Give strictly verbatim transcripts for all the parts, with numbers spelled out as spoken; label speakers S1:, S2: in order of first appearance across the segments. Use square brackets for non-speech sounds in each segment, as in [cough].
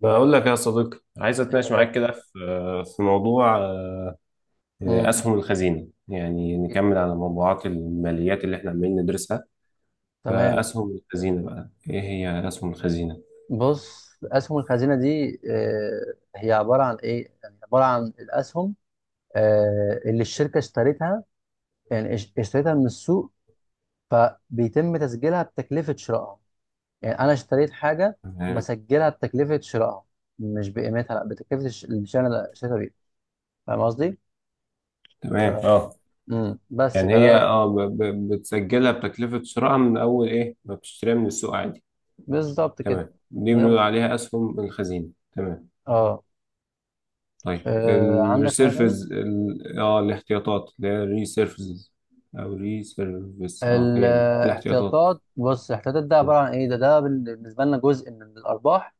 S1: بقول لك يا صديقي، عايز
S2: إيه
S1: اتناقش معاك
S2: غالي.
S1: كده في في موضوع آه،
S2: امم.
S1: اسهم الخزينه. يعني
S2: جدا.
S1: نكمل على موضوعات الماليات اللي احنا عمالين ندرسها.
S2: تمام.
S1: فاسهم الخزينه بقى ايه هي اسهم الخزينه؟
S2: بص اسهم الخزينه دي آه، هي عباره عن ايه يعني عباره عن الاسهم آه، اللي الشركه اشترتها. يعني اش- اشترتها من السوق. فبيتم تسجيلها بتكلفه شرائها. يعني انا اشتريت حاجه
S1: تمام
S2: بسجلها بتكلفه شرائها، مش بقيمتها، لا بتكلفه الش- الشيء اللي اشتريتها بيه. فاهم قصدي؟ ف...
S1: تمام، اه،
S2: مم. بس
S1: يعني هي
S2: فده.
S1: اه ب- ب- بتسجلها بتكلفه شرائها من اول ايه ما بتشتريها من السوق عادي.
S2: بالظبط كده.
S1: تمام، دي
S2: هي
S1: بنقول
S2: بسيطه.
S1: عليها اسهم الخزينه. تمام.
S2: اه.
S1: طيب
S2: آه، عندك حاجه
S1: الريسيرفز
S2: تانية؟
S1: ال- اه الاحتياطات اللي هي الريسيرفز، او ريسيرفز، اه هي دي الاحتياطات.
S2: الاحتياطات، بص الاحتياطات ده
S1: مم.
S2: عباره عن ايه، ده ده بال- بالنسبه لنا جزء من الارباح،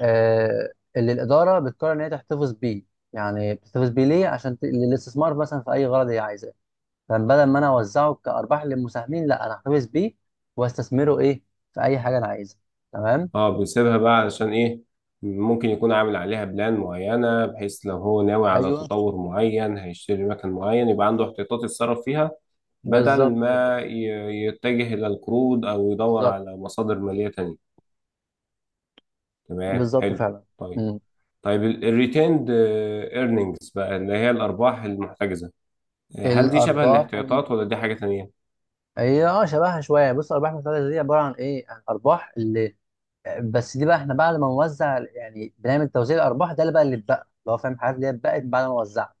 S2: آه اللي الاداره بتقرر ان هي تحتفظ بيه. يعني بتحتفظ بيه ليه؟ عشان ت... للاستثمار مثلا في اي غرض هي عايزاه. فبدل ما انا اوزعه كارباح للمساهمين، لا انا احتفظ بيه واستثمره ايه، في اي حاجه انا عايزها. تمام.
S1: اه، بيسيبها بقى علشان ايه؟ ممكن يكون عامل عليها بلان معينة، بحيث لو هو ناوي على
S2: ايوه
S1: تطور معين هيشتري مكان معين، يبقى عنده احتياطات يتصرف فيها بدل
S2: بالظبط كده.
S1: ما ي- يتجه إلى القروض أو يدور
S2: بالظبط.
S1: على مصادر مالية تانية. تمام،
S2: بالظبط
S1: حلو.
S2: فعلا.
S1: طيب.
S2: مم.
S1: طيب الريتيند ايرنينجز بقى اللي هي الارباح المحتجزه، هل دي شبه
S2: الارباح الم...
S1: الاحتياطات ولا دي حاجه تانية؟
S2: هي اه شبهها شويه. بص الارباح المحتفظه دي عباره عن ايه؟ عن ارباح. بس دي بقى احنا بعد ما نوزع، يعني بنعمل توزيع الارباح، ده اللي بقى اللي اتبقى اللي هو فاهم، الحاجات اللي هي اتبقت بعد ما وزعت.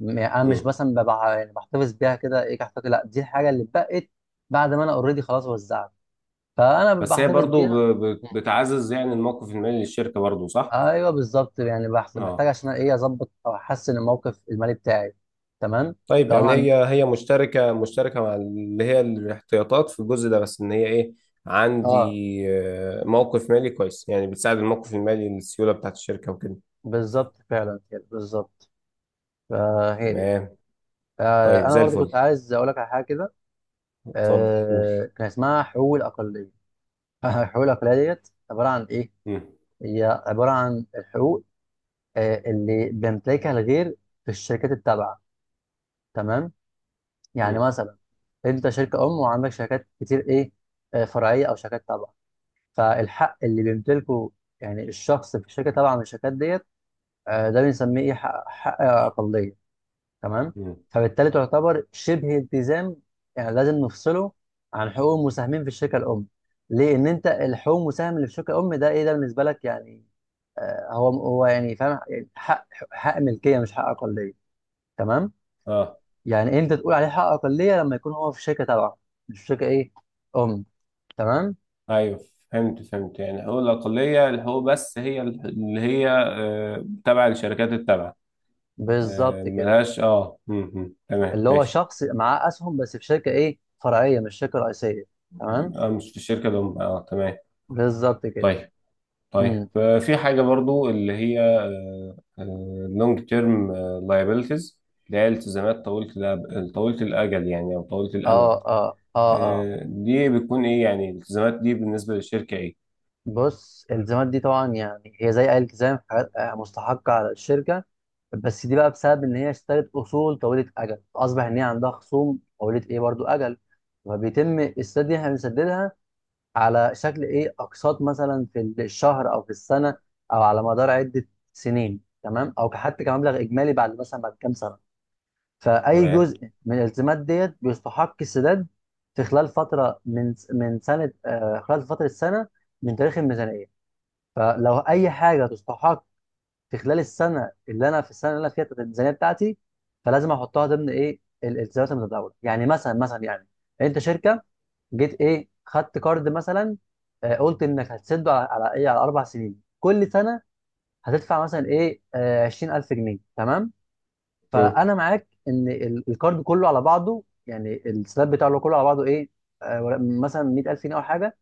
S2: م- يعني انا مش
S1: مم.
S2: مثلا ببقى يعني بحتفظ بيها كده ايه كحتفظ، لا دي الحاجه اللي اتبقت بعد ما انا اوريدي خلاص وزعت فانا
S1: بس هي
S2: بحتفظ
S1: برضو
S2: بيها.
S1: ب- ب- بتعزز يعني الموقف المالي للشركه برضو، صح؟
S2: ايوه بالظبط. يعني بحس- بحتاج
S1: اه.
S2: عشان ايه اظبط او احسن الموقف المالي بتاعي. تمام.
S1: طيب،
S2: لو انا
S1: يعني
S2: عن.
S1: هي هي مشتركه مشتركه مع اللي هي الاحتياطات في الجزء ده، بس ان هي ايه، عندي
S2: اه.
S1: آه، موقف مالي كويس، يعني بتساعد الموقف المالي للسيوله بتاعت الشركه وكده.
S2: بالظبط فعلا كده بالظبط. فهي دي.
S1: تمام.
S2: آه
S1: طيب
S2: انا
S1: زي
S2: برضو كنت
S1: الفل.
S2: عايز اقول لك على حاجه كده.
S1: اتفضل قول.
S2: آه كان اسمها حقوق الاقليه. الحقوق العقلية ديت عبارة عن إيه؟
S1: مم.
S2: هي عبارة عن الحقوق آه، اللي بيمتلكها الغير في الشركات التابعة. تمام؟ يعني
S1: مم.
S2: مثلا أنت شركة أم وعندك شركات كتير إيه، آه، فرعية أو شركات تابعة. فالحق اللي بيمتلكه يعني الشخص في الشركة التابعة من الشركات ديت، آه، ده بنسميه إيه؟ حق, حق أقلية. تمام؟
S1: مم.
S2: فبالتالي تعتبر شبه التزام، يعني لازم نفصله عن حقوق المساهمين في الشركة الأم. ليه؟ إن أنت الحقوق المساهم اللي في الشركة الأم، ده إيه ده بالنسبة لك يعني، آه، هو هو يعني فاهم يعني حق حق ملكيه مش حق اقليه. تمام.
S1: اه،
S2: يعني انت تقول عليه حق اقليه لما يكون هو في شركه تبعه، مش في شركه ايه، ام. تمام.
S1: ايوه، فهمت فهمت. يعني حقوق الاقليه الحقوق، بس هي اللي هي آه، تبع الشركات التابعه. آه،
S2: بالظبط كده.
S1: ملهاش اه م- م. تمام،
S2: اللي هو
S1: ماشي.
S2: شخص معاه اسهم بس في شركه ايه فرعيه، مش شركه رئيسيه. تمام.
S1: آه، مش في الشركه الام، اه تمام.
S2: بالظبط كده.
S1: طيب. طيب
S2: امم.
S1: آه، في حاجه برضو اللي هي لونج تيرم لايبيلتيز، اللي هي التزامات طويله الأب- طويله الاجل يعني، او طويله الامد.
S2: اه اه اه اه.
S1: آه، دي بتكون ايه يعني؟ الالتزامات دي بالنسبه للشركه ايه؟
S2: بص الالتزامات دي طبعا يعني هي زي اي التزام، في حاجات آه، مستحقه على الشركه. بس دي بقى بسبب ان هي اشترت اصول طويله اجل، اصبح ان هي عندها خصوم طويله ايه برضو اجل. فبيتم السداد، دي احنا بنسددها على شكل ايه، اقساط مثلا في الشهر او في السنه، او على مدار عده سنين، تمام، او حتى كمبلغ اجمالي بعد مثلا بعد كام سنه. فاي
S1: تمام.
S2: جزء من الالتزامات ديت بيستحق السداد في خلال فتره من من سنه، آه خلال فتره السنه من تاريخ الميزانيه. فلو اي حاجه تستحق في خلال السنه اللي انا في السنه اللي انا فيها الميزانيه بتاعتي، فلازم احطها ضمن ايه ال- الالتزامات المتداوله. يعني مثلا مثلا يعني انت شركه جيت ايه خدت كارد مثلا، آه، قلت انك هتسده على على ايه، على اربع سنين، كل سنه هتدفع مثلا ايه آه، عشرين الف جنيه، تمام.
S1: م.
S2: فانا معاك ان ال- الكارد كله على بعضه، يعني السلاب بتاعه كله على بعضه ايه، آه، مثلا مية الف جنيه او حاجه،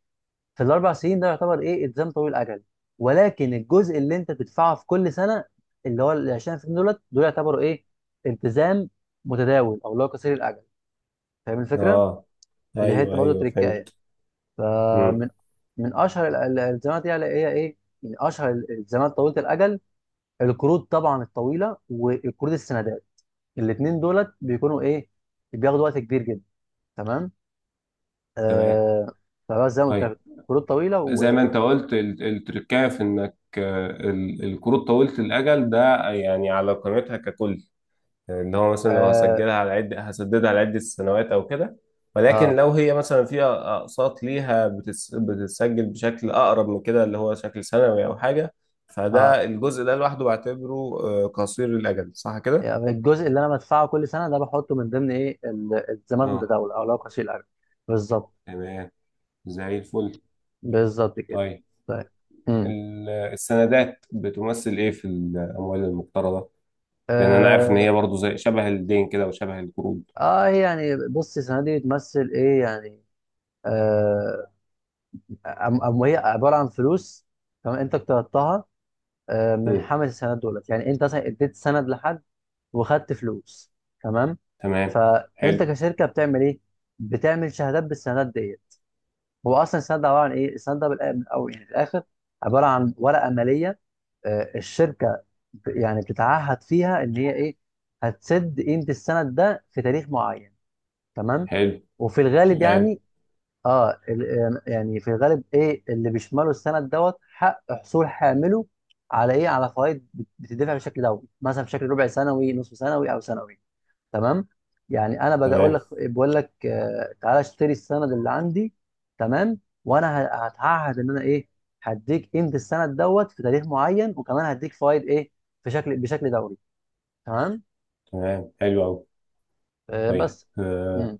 S2: في الاربع سنين. ده يعتبر ايه التزام طويل الاجل. ولكن الجزء اللي انت بتدفعه في كل سنه، اللي هو ال عشرين في المية دولت، دول يعتبروا ايه، التزام متداول، او اللي هو قصير الاجل. فاهم الفكره؟
S1: اه،
S2: دي حته
S1: ايوه
S2: برضه
S1: ايوه،
S2: تريكايه.
S1: فهمت. م.
S2: فمن من اشهر ال- ال- الالتزامات يعني هي ايه، من اشهر ال- الالتزامات طويله الاجل، القروض طبعا الطويله، والقروض السندات. الاثنين دولت بيكونوا ايه، بياخدوا وقت كبير جدا. تمام.
S1: تمام.
S2: آه. فبس زي ما قلت
S1: طيب
S2: لك، قروض طويله
S1: زي ما
S2: وقروض.
S1: انت قلت، ال- التركية في انك آه، ال- الكروت طويلة الأجل ده يعني على قيمتها ككل، ان هو مثلا لو
S2: آه.
S1: هسجلها على عدة هسددها على عدة سنوات او كده. ولكن
S2: اه
S1: لو هي مثلا فيها أقساط ليها بتس- بتتسجل بشكل أقرب من كده، اللي هو شكل سنوي أو حاجة،
S2: اه
S1: فده الجزء ده لوحده بعتبره آه، قصير الأجل، صح كده؟
S2: يعني الجزء اللي انا بدفعه كل سنه ده بحطه من ضمن ايه ال- الزمالك
S1: اه،
S2: متداول او لو قصير الاجل بالظبط
S1: تمام. زي الفل.
S2: بالظبط كده
S1: طيب
S2: طيب امم
S1: ال- السندات بتمثل إيه في الأموال المقترضة؟ لان انا عارف ان
S2: اه,
S1: هي برضو زي شبه الدين كده وشبه القروض.
S2: آه يعني بص السنه دي بتمثل ايه يعني آه أم أم هي عباره عن فلوس تمام انت اقترضتها آه من
S1: مم.
S2: حامل السندات دولت يعني انت مثلا اديت سند لحد وخدت فلوس تمام
S1: تمام،
S2: فانت
S1: حلو.
S2: كشركه بتعمل ايه بتعمل شهادات بالسندات ديت هو اصلا السند ده عباره عن ايه؟ السند ده بالآ- من الاول يعني في الاخر عباره عن ورقه ماليه آه، الشركه ب- يعني بتتعهد فيها ان هي ايه؟ هتسد قيمه السند ده في تاريخ معين تمام؟
S1: حلو.
S2: وفي الغالب
S1: تمام.
S2: يعني اه ال- آه، يعني في الغالب ايه اللي بيشمله السند دوت حق حصول حامله على ايه؟ على فوائد بت- بتدفع بشكل دوري مثلا بشكل ربع سنوي نصف سنوي او سنوي تمام يعني انا باجي اقول
S1: تمام
S2: لك بقول لك آه، تعالى اشتري السند اللي عندي تمام وانا ه- هتعهد ان انا ايه هديك قيمه السند دوت في تاريخ معين وكمان هديك فايد ايه في شكل بشكل دوري تمام
S1: تمام، حلو قوي.
S2: آه
S1: طيب
S2: بس
S1: آه،
S2: مم.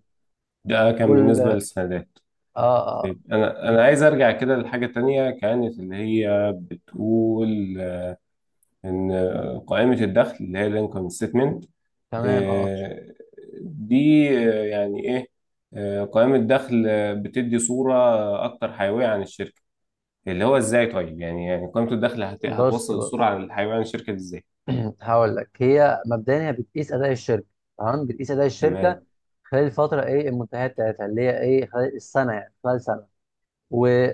S1: ده كان
S2: وال
S1: بالنسبة للسندات.
S2: اه اه.
S1: طيب انا انا عايز ارجع كده لحاجة تانية كانت اللي هي بتقول، ان قائمة الدخل اللي هي الانكم ستمنت
S2: تمام. اه.
S1: دي آه، يعني ايه؟ آه، قائمة دخل، آه، بتدي صورة اكتر حيوية عن الشركة، اللي هو ازاي؟ طيب يعني، يعني قيمة الدخل هت...
S2: بص
S1: هتوصل
S2: بص
S1: السرعة للحيوان الشركة دي ازاي؟
S2: [clears throat] هقول لك هي مبدئيا هي بتقيس اداء الشركه. تمام، بتقيس اداء الشركه
S1: تمام،
S2: خلال الفتره ايه المنتهيه بتاعتها، اللي هي ايه خلال السنه، يعني خلال سنه.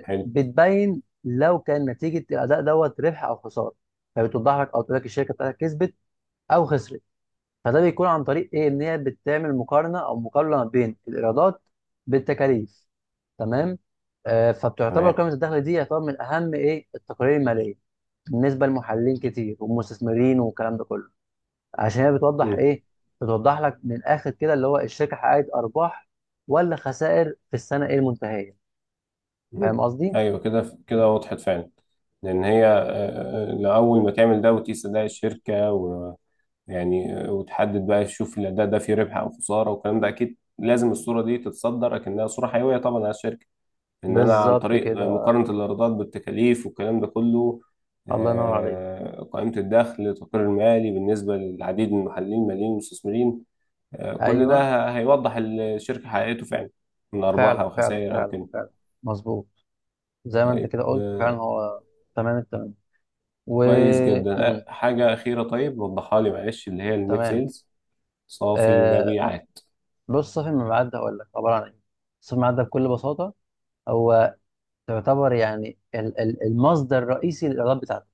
S1: حلو.
S2: لو كان نتيجه الاداء دوت ربح او خساره. فبتوضح لك او تقول لك الشركه بتاعتك كسبت او خسرت. فده بيكون عن طريق ايه، ان هي بتعمل مقارنه او مقارنه بين الايرادات بالتكاليف. تمام. آه فبتعتبر
S1: تمام.
S2: قائمه الدخل دي يعتبر من اهم ايه التقارير الماليه بالنسبه لمحللين كتير ومستثمرين والكلام ده كله، عشان هي بتوضح
S1: مم.
S2: ايه، بتوضح لك من الاخر كده اللي هو الشركه حققت ارباح ولا خسائر في السنه ايه المنتهيه.
S1: مم.
S2: فاهم قصدي؟
S1: ايوه، كده كده وضحت فعلا. لان هي آه، آه، لأول ما تعمل ده وتقيس أداء الشركة، ويعني آه، وتحدد بقى تشوف الأداء ده فيه ربح أو خسارة، والكلام ده أكيد لازم الصورة دي تتصدر أكنها صورة حيوية طبعا على الشركة. ان انا عن
S2: بالظبط
S1: طريق
S2: كده.
S1: مقارنة الايرادات بالتكاليف والكلام ده كله،
S2: الله ينور عليك.
S1: آه، قائمة الدخل التقرير المالي بالنسبة للعديد من المحللين الماليين والمستثمرين. آه، كل
S2: ايوه
S1: ده ه- هيوضح الشركة حققته فعلا من أرباحها
S2: فعلا فعلا
S1: وخسائر أو
S2: فعلا
S1: كده.
S2: فعلا. مظبوط، زي ما انت
S1: طيب
S2: كده قلت فعلا
S1: آه،
S2: هو. تمام التمام. و.
S1: كويس جدا.
S2: مم.
S1: آه، حاجة أخيرة، طيب وضحها لي معلش، اللي هي النت
S2: تمام.
S1: سيلز، صافي
S2: آه
S1: المبيعات.
S2: بص صافي المبيعات ده هقول لك عباره عن ايه. صافي المبيعات ده بكل بساطه هو تعتبر يعني ال- ال- المصدر الرئيسي للايرادات بتاعتك.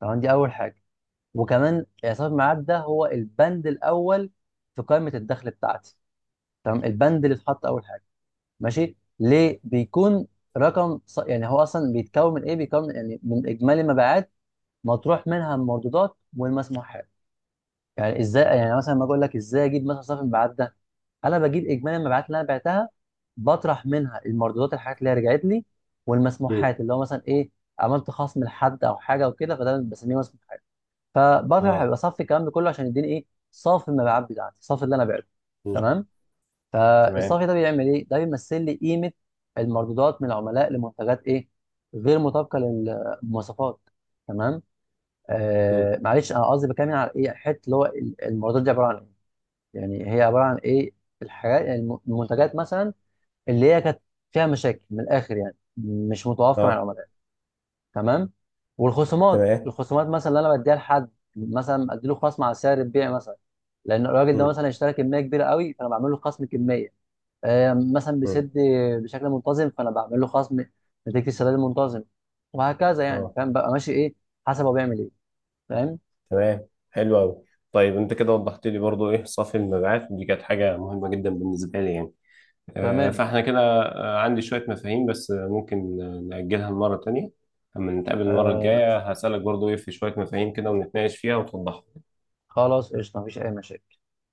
S2: تمام، دي اول حاجه. وكمان آه، صافي المبيعات ده هو البند الاول في قائمه الدخل بتاعتي. تمام، البند اللي اتحط اول حاجه. ماشي، ليه بيكون رقم ص... يعني هو اصلا بيتكون من ايه، بيكون يعني من اجمالي المبيعات مطروح منها المردودات والمسموحات. يعني ازاي يعني، مثلا ما اقول لك ازاي اجيب مثلا صافي المبيعات ده؟ انا بجيب اجمالي المبيعات اللي انا بعتها، بطرح منها المردودات الحاجات اللي هي رجعت لي،
S1: مم.
S2: والمسموحات اللي هو مثلا ايه، عملت خصم لحد او حاجه وكده فده بسميه مسموحات. فبطرح
S1: اه.
S2: بصفي الكلام ده كله عشان يديني ايه صافي المبيعات بتاعتي، صافي اللي انا بعته.
S1: مم.
S2: تمام.
S1: تمام.
S2: فالصافي ده بيعمل ايه؟ ده بيمثل لي قيمه المردودات من العملاء لمنتجات ايه، غير مطابقه للمواصفات. تمام؟
S1: مم.
S2: آه معلش انا قصدي بكلم على ايه، حته اللي هو ال- المردودات دي عباره عن ايه؟ يعني هي عباره عن ايه؟ الحاجات يعني الم- المنتجات مثلا اللي هي كانت فيها مشاكل، من الاخر يعني مش متوافقه مع
S1: اه،
S2: العملاء. تمام؟ والخصومات
S1: تمام.
S2: الخصومات مثلا اللي انا بديها لحد، مثلا اديله خصم على سعر البيع مثلا، لان الراجل ده
S1: مم.
S2: مثلا اشترى كميه كبيره قوي فانا بعمل له خصم كميه. آه، مثلا
S1: مم.
S2: بيسد بشكل منتظم فانا بعمل له خصم نتيجه السداد المنتظم. وهكذا يعني،
S1: اه،
S2: فاهم بقى ماشي ايه حسب هو بيعمل ايه. فاهم.
S1: تمام، حلو قوي. طيب انت كده وضحت لي برضو ايه صافي المبيعات، ودي كانت حاجه مهمه جدا بالنسبه لي يعني. آه،
S2: تمام.
S1: فاحنا كده آه، عندي شويه مفاهيم، بس آه، ممكن آه، نأجلها لمره تانية، اما نتقابل المره
S2: آه
S1: الجايه هسألك برضو ايه في شويه مفاهيم كده ونتناقش فيها وتوضحها.
S2: خلاص قشطه، مفيش اي مشاكل.